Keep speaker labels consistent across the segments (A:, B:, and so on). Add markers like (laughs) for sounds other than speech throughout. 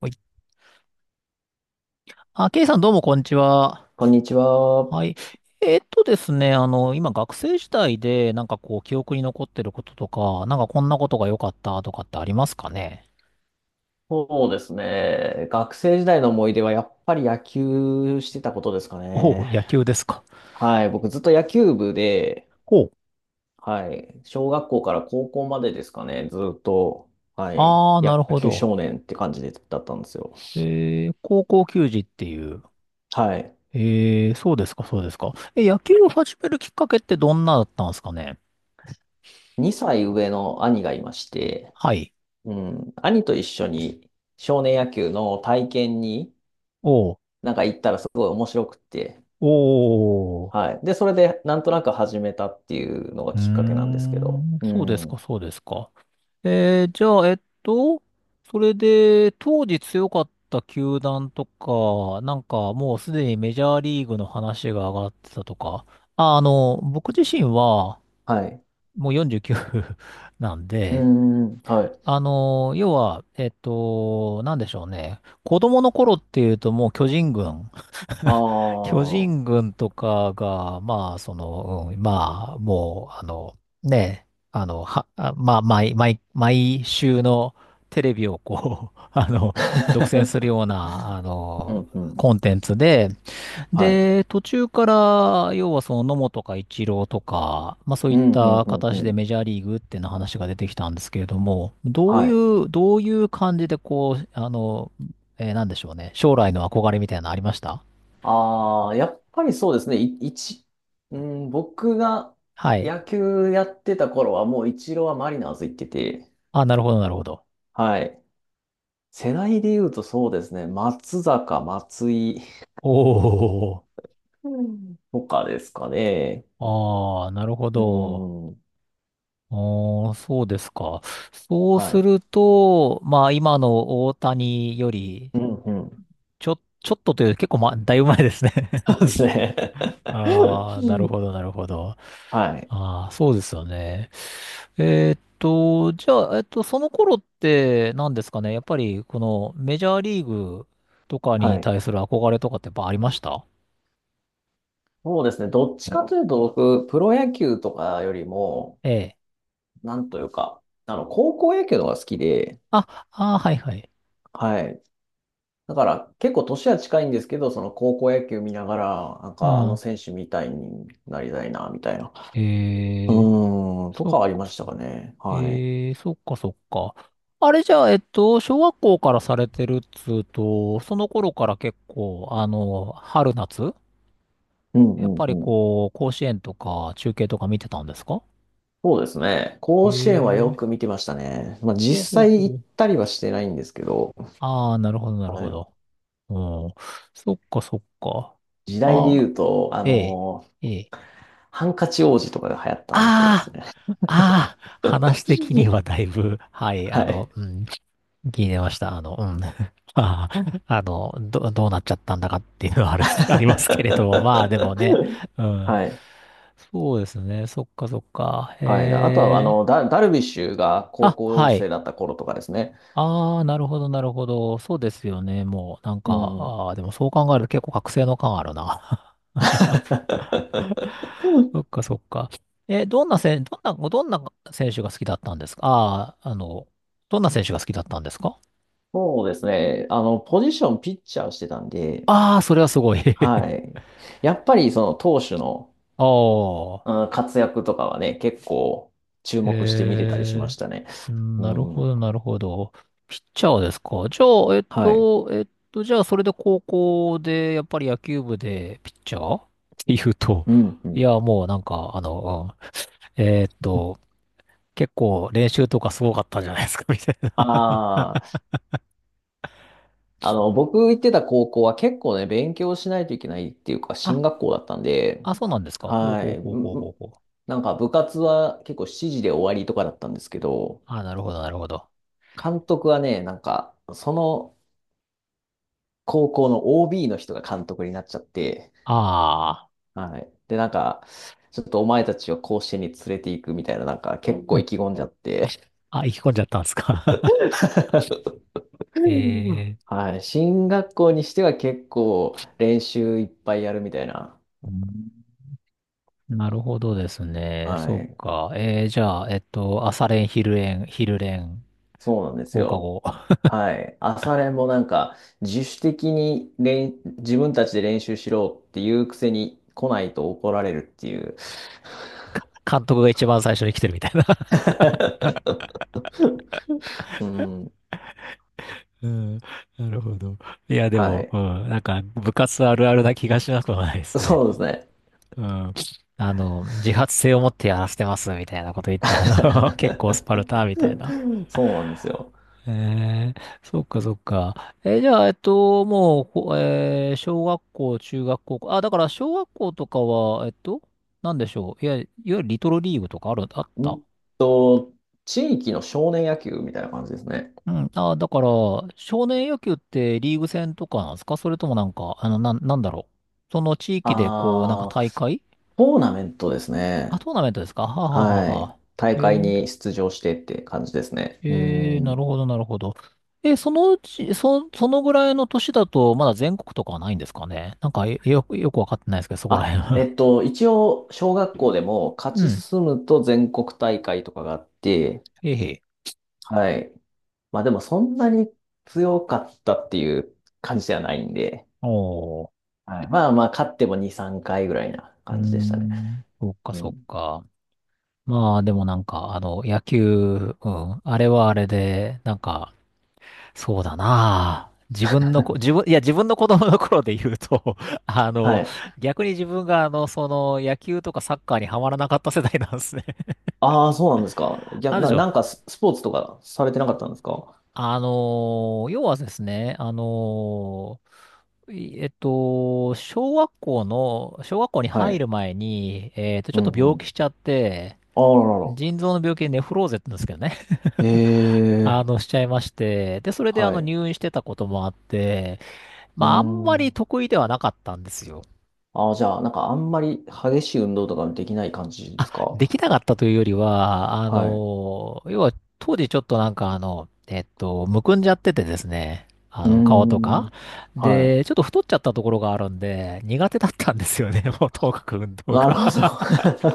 A: はい。あ、ケイさんどうもこんにちは。
B: こんにちは。
A: はい。ですね、あの、今学生時代でなんかこう記憶に残ってることとか、なんかこんなことが良かったとかってありますかね？
B: そうですね。学生時代の思い出はやっぱり野球してたことですか
A: おう、
B: ね。
A: 野球ですか。
B: はい。僕ずっと野球部で、
A: ほう。
B: はい。小学校から高校までですかね。ずっと、はい。
A: ああ、な
B: 野
A: るほ
B: 球
A: ど。
B: 少年って感じでだったんですよ。
A: 高校球児っていう。
B: はい。
A: えー、そうですか、そうですか。え、野球を始めるきっかけってどんなだったんですかね？
B: 2歳上の兄がいまして、
A: はい。
B: うん。兄と一緒に少年野球の体験に
A: おう。
B: 行ったらすごい面白くって、
A: おー。
B: はい。で、それで、なんとなく始めたっていうのが
A: うー
B: きっかけなんですけど。
A: ん、
B: う
A: そうですか、
B: ん。
A: そうですか。えー、じゃあ、えっと、それで、当時強かった球団とか、なんかもうすでにメジャーリーグの話が上がってたとか、僕自身は
B: はい。
A: もう49 (laughs) なん
B: う
A: で、
B: ん。はい。
A: あの、要は、えっと、なんでしょうね。子供の頃っていうともう巨人軍
B: あ
A: (laughs) 巨人
B: あ。
A: 軍とかが、まあ、その、うん、まあ、もう、あの、ね、あの、は、あまあ、毎週のテレビをこう、(laughs) 独占する
B: (laughs)
A: ような、
B: うんうん。
A: コンテンツで、
B: はい。
A: で、途中から、要はその野茂とかイチローとか、まあそうい
B: う
A: っ
B: ん、う
A: た
B: ん、うん、う
A: 形で
B: ん。
A: メジャーリーグっていうの話が出てきたんですけれども、どう
B: は
A: い
B: い。
A: う、どういう感じでこう、なんでしょうね、将来の憧れみたいなのありました？
B: ああ、やっぱりそうですね。うん、僕が
A: はい。
B: 野球やってた頃はもうイチローはマリナーズ行ってて、
A: あ、なるほど、なるほど。
B: はい。世代で言うとそうですね。松坂、松井
A: おお、
B: うんとかですかね。
A: ああ、なるほ
B: う
A: ど。
B: ん。
A: おー、そうですか。そう
B: は
A: す
B: い。
A: ると、まあ、今の大谷より、
B: うんうん、
A: ちょっとというより結構、ま、だいぶ前ですね。
B: そうですね。
A: (laughs) ああ、なる
B: (laughs)
A: ほど、なるほど。
B: はい。
A: ああ、そうですよね。えーっと、じゃあ、えっと、その頃って何ですかね。やっぱり、このメジャーリーグとかに
B: はい。
A: 対する憧れとかってやっぱありました？
B: そうですね。どっちかというと、僕、プロ野球とかよりも、
A: ええ。
B: なんというか、あの、高校野球の方が好きで、
A: あ、ああ、はいはい。
B: はい。だから、結構年は近いんですけど、その高校野球見ながら、なん
A: う
B: か、あの
A: ん。
B: 選手みたいになりたいな、みたいな。う
A: えー、
B: ーん、と
A: そっ
B: かあり
A: か
B: ま
A: そっ
B: した
A: か、
B: かね。
A: え
B: はい。
A: ー、そっかそっか。あれじゃあ、小学校からされてるっつうと、その頃から結構、春夏
B: うん
A: やっ
B: うん
A: ぱ
B: う
A: り
B: ん。
A: こう、甲子園とか中継とか見てたんですか？
B: そうですね。
A: え
B: 甲子園はよ
A: ー、
B: く見てましたね。まあ、
A: ほう
B: 実
A: ほうほ
B: 際行っ
A: う。
B: たりはしてないんですけど、
A: ああ、なるほど、なる
B: あ
A: ほ
B: の、
A: ど。うん。そっかそっか。
B: 時代で
A: あ、
B: 言うと、あ
A: ええ、
B: の、
A: ええ。
B: ハンカチ王子とかが流行ったあの頃です
A: ああ
B: ね。(laughs)
A: ああ、話的にはだいぶ、はい、あ
B: はい。
A: の、うん、聞いてました。うん。(laughs) まあ、どうなっちゃったんだかっていうのはあるんです、(laughs) ありますけれども、まあでもね、う
B: (laughs)
A: ん。
B: はい。
A: そうですね、そっかそっか。
B: はい。あとは、あ
A: へえ。
B: の、ダルビッシュが高
A: あ、
B: 校
A: はい。
B: 生だった頃とかですね。
A: ああ、なるほど、なるほど。そうですよね、もう、なん
B: う
A: か、
B: ん。
A: ああ、でもそう考えると結構覚醒の感あるな。
B: (laughs)
A: (laughs) そっかそっか。え、どんなせん、どんな、どんな選手が好きだったんですか？ああー、どんな選手が好きだったんですか？
B: そうですね。あの、ポジションピッチャーをしてたんで、
A: ああ、それはすごい。(laughs)
B: はい。やっぱりその投手の、
A: ああ、
B: うん、活躍とかはね、結構注目して見てたりしま
A: へ
B: したね。
A: え、
B: う
A: なるほ
B: ん。
A: ど、なるほど。ピッチャーですか。じゃあ、
B: はい。
A: じゃあ、それで高校で、やっぱり野球部でピッチャーって言うと、
B: うん、う
A: い
B: ん。
A: や、もうなんか、えっと、結構練習とかすごかったんじゃないですか、(laughs) みたいな。
B: ああ。あの、僕行ってた高校は結構ね、勉強しないといけないっていうか、
A: (laughs)
B: 進
A: あ、
B: 学校だったんで、
A: あ、そうなんですか。ほう
B: は
A: ほう
B: い。
A: ほうほうほうほう。
B: なんか部活は結構7時で終わりとかだったんですけど、
A: ああ、なるほど、なるほど。
B: 監督はね、なんか、その高校の OB の人が監督になっちゃって、
A: あ
B: はい。で、なんか、ちょっとお前たちを甲子園に連れて行くみたいな、なんか結構
A: あ、
B: 意気込んじゃって、(laughs)
A: あ、行き込んじゃったんですか。(laughs) ええ。
B: はい。進学校にしては結構練習いっぱいやるみたいな、
A: うん、なるほどですね。
B: は
A: そう
B: い。
A: か。えー、じゃあ、えっと、朝練、昼練、昼練、
B: そうなんです
A: 放課
B: よ。
A: 後。(laughs)
B: はい。朝練もなんか、自主的に練、自分たちで練習しろっていうくせに来ないと怒られるっていう。
A: 監督が一番最初に来てるみたいな
B: (laughs) うん。
A: うん。(laughs) なるほど。いや、で
B: は
A: も、う
B: い。
A: ん。なんか、部活あるあるな気がしなくもないですね。
B: そうですね。
A: (laughs) うん。あの、自発性を持ってやらせてます、みたいなこと言って、あの、(laughs) 結構スパルタ、みたいな。
B: (laughs) そうなんですよ。
A: ええそっかそっか。えー、じゃあ、えっと、もう、ほえー小学校、中学校、あ、だから小学校とかは、なんでしょう。いや、いわゆるリトルリーグとかある、あっ
B: う
A: た、
B: んと、地域の少年野球みたいな感じですね。
A: うん。あ、だから、少年野球ってリーグ戦とかなんですか？それともなんか、なんだろう。その地域で、こう、なんか
B: ああ、
A: 大会、
B: トーナメントです
A: あ、
B: ね。
A: トーナメントですか？はははは
B: はい。
A: は。
B: 大
A: え
B: 会
A: ー、
B: に出場してって感じですね。う
A: ええ、な
B: ん。
A: るほど、なるほど。え、そのうち、そ、そのぐらいの年だと、まだ全国とかはないんですかね。なんか、えよく、よくわかってないですけど、そこら
B: あ、
A: 辺
B: え
A: は。
B: っと、一応、小学校でも
A: (laughs)
B: 勝
A: う
B: ち
A: ん。
B: 進むと全国大会とかがあって、
A: へいへえ。
B: はい。まあでもそんなに強かったっていう感じではないんで、
A: おー。
B: はい。まあまあ、勝っても2、3回ぐらいな
A: うー
B: 感じでしたね。
A: ん。そっか、
B: う
A: そっ
B: ん。
A: か。まあ、でもなんか、あの、野球、うん。あれはあれで、なんか、そうだなあ。自分のこ、自分、いや、自分の子供の頃で言うと、(laughs) あ
B: は
A: の、
B: い。
A: 逆に自分が、野球とかサッカーにはまらなかった世代なんですね。
B: ああ、そうなんですか。
A: (laughs) なん
B: 逆
A: でし
B: な、
A: ょう。
B: なんかスポーツとかされてなかったんですか？
A: 要はですね、あのーいえっと、小学校の、小学校に
B: は
A: 入
B: い。
A: る前に、ち
B: う
A: ょっと
B: んう
A: 病気
B: ん。
A: しちゃって、
B: ああららら。
A: 腎臓の病気でネフローゼって言うんですけどね、
B: え
A: (laughs)
B: え、
A: しちゃいまして、で、それで
B: はい。
A: 入院してたこともあって、
B: うー
A: まあ、あんまり
B: ん。
A: 得意ではなかったんですよ。
B: ああ、じゃあ、なんかあんまり激しい運動とかできない感じです
A: で
B: か？
A: きなかったというよりは、
B: はい。
A: 要は当時ちょっとなんかむくんじゃっててですね、あ
B: うー
A: の、顔とか。
B: ん。はい。
A: で、ちょっと太っちゃったところがあるんで、苦手だったんですよね、(laughs) もうとにかく運動が。
B: なるほ
A: (laughs)
B: ど。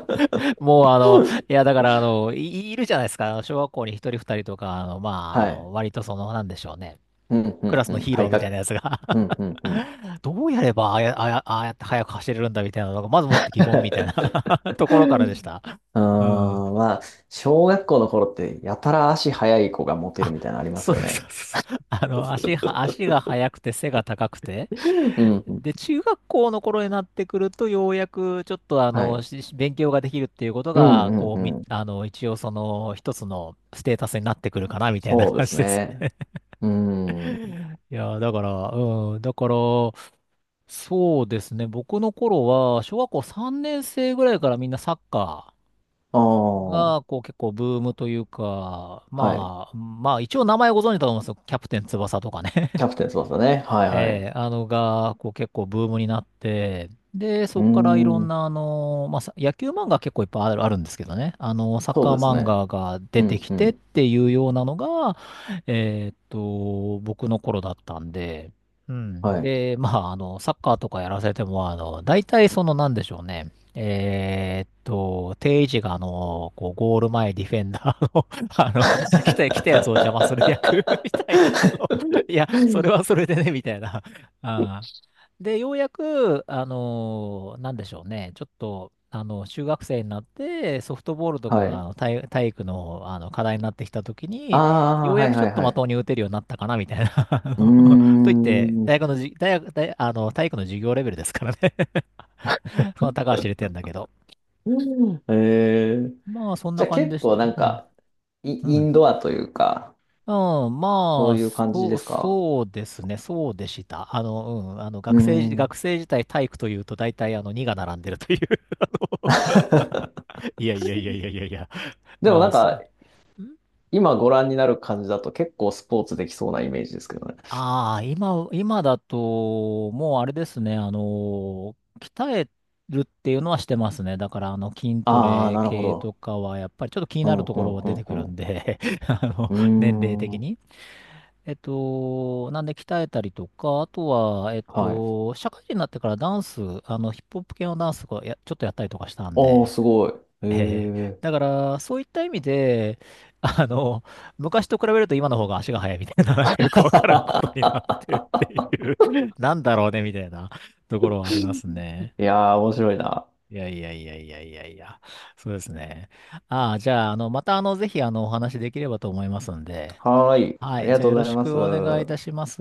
A: もうあの、いや
B: (laughs)
A: だからあの、い、いるじゃないですか、あの小学校に一人二人とか、
B: はい。
A: 割とその、なんでしょうね、
B: うん、う
A: ク
B: ん、
A: ラス
B: う
A: の
B: ん。
A: ヒーロ
B: 体
A: ーみたいな
B: 格。
A: やつが
B: うん、うん、うん。(laughs)
A: (laughs) どうやればああや、あやああやって速く走れるんだみたいなのが、まずもって疑問みたいな (laughs) ところからでした。
B: うー
A: うん。
B: ん、まあ、小学校の頃ってやたら足速い子がモテる
A: あ、
B: みたいなのありま
A: そ
B: す
A: う
B: よ
A: そうそ
B: ね。
A: うそう。(laughs) あの、足が速くて背が高くて。
B: うん、うん。
A: で、中学校の頃になってくると、ようやくちょっとあ
B: は
A: の、
B: い。
A: 勉強ができるっていうこと
B: う
A: が、
B: ん、
A: こ
B: う
A: う、み、
B: ん、うん。
A: あの、一応その、一つのステータスになってくるかな、みたいな
B: そうで
A: 感
B: す
A: じです
B: ね。
A: ね。
B: うーん。
A: (laughs) いやー、だから、うん、だから、そうですね。僕の頃は、小学校3年生ぐらいからみんなサッカ
B: ああ、
A: ー
B: は
A: が、こう、結構ブームというか、
B: い。
A: まあ、まあ、一応名前ご存知だと思うんですよ。キャプテン翼とか
B: キャ
A: ね。
B: プテン翼ね。はい、はい。
A: えー、あのが、こう結構ブームになって、で、
B: う
A: そ
B: ー
A: こからいろん
B: ん、
A: な、野球漫画結構いっぱいある、あるんですけどね、あの、サッ
B: そう
A: カー
B: です
A: 漫
B: ね。
A: 画が出
B: う
A: て
B: ん、
A: き
B: う
A: てっ
B: ん。
A: ていうようなのが、僕の頃だったんで、うん。
B: はい。
A: で、まあ、あの、サッカーとかやらせても、あの、大体その、なんでしょうね。定位置が、あの、こう、ゴール前ディフェンダーの (laughs) あの、来たやつを邪魔する役 (laughs) みたいな、あの、
B: (laughs)
A: いや、それはそれでね、みたいな。あで、ようやく、なんでしょうね、ちょっと、あの、中学生になって、ソフトボールとか
B: は
A: が
B: い。
A: 体育の、あの課題になってきたとき
B: あ
A: に、よ
B: あ、
A: う
B: は
A: や
B: い
A: くちょ
B: は
A: っ
B: い
A: と
B: は
A: まと
B: い。
A: もに打てるようになったかな、みたいな。(laughs)
B: うー
A: といって、
B: ん。う
A: 大学のじ、大学、大、あの、体育の授業レベルですからね (laughs) その高橋入れてんだけど。
B: ん、えー、
A: まあ、そん
B: じ
A: な
B: ゃあ
A: 感じ
B: 結
A: でした。
B: 構なん
A: うん。
B: か、
A: う
B: イ
A: ん。
B: ンドアというか、
A: うん、
B: そ
A: ま
B: う
A: あ、
B: いう感じ
A: そ
B: で
A: う、
B: すか？
A: そうですね、そうでした。あの、うん、あの、
B: うー
A: 学生学
B: ん。
A: 生時代体育というと、大体、あの、2が並んでるという (laughs)。あ
B: (laughs)
A: のいやいやいやいやいやいや、
B: でも
A: ま
B: な
A: あ、
B: ん
A: そ
B: か、
A: う、
B: 今ご覧になる感じだと結構スポーツできそうなイメージですけどね。
A: ああ、今だと、もうあれですね、あの、鍛えるっていうのはしてますね。だから、あの、筋ト
B: ああ、
A: レ
B: なるほ
A: 系と
B: ど。
A: かは、やっぱりちょっと気に
B: う
A: な
B: ん、
A: ると
B: う
A: ころ
B: ん、
A: は出てく
B: う
A: るん
B: ん、
A: で (laughs)、あの、
B: う
A: 年齢
B: ん。
A: 的
B: うーん。
A: に。なんで鍛えたりとか、あとは、
B: はい。
A: 社会人になってからダンス、あの、ヒップホップ系のダンスがちょっとやったりとかしたん
B: おー、
A: で、
B: すごい。え
A: えー、
B: ー、
A: だから、そういった意味で、あの、昔と比べると今の方が足が速いみたいな、なんかよくわからんことになってるっていう (laughs) なんだろうね、みたいなところはありますね。
B: いやー、面白いな。
A: いやいやいやいやいやいや、そうですね。ああ、じゃあ、あの、また、あの、ぜひ、あの、お話できればと思いますんで、
B: はーい。
A: は
B: あ
A: い、
B: りが
A: じゃあ、
B: とう
A: よ
B: ご
A: ろ
B: ざい
A: し
B: ま
A: くお願いいた
B: す。
A: します。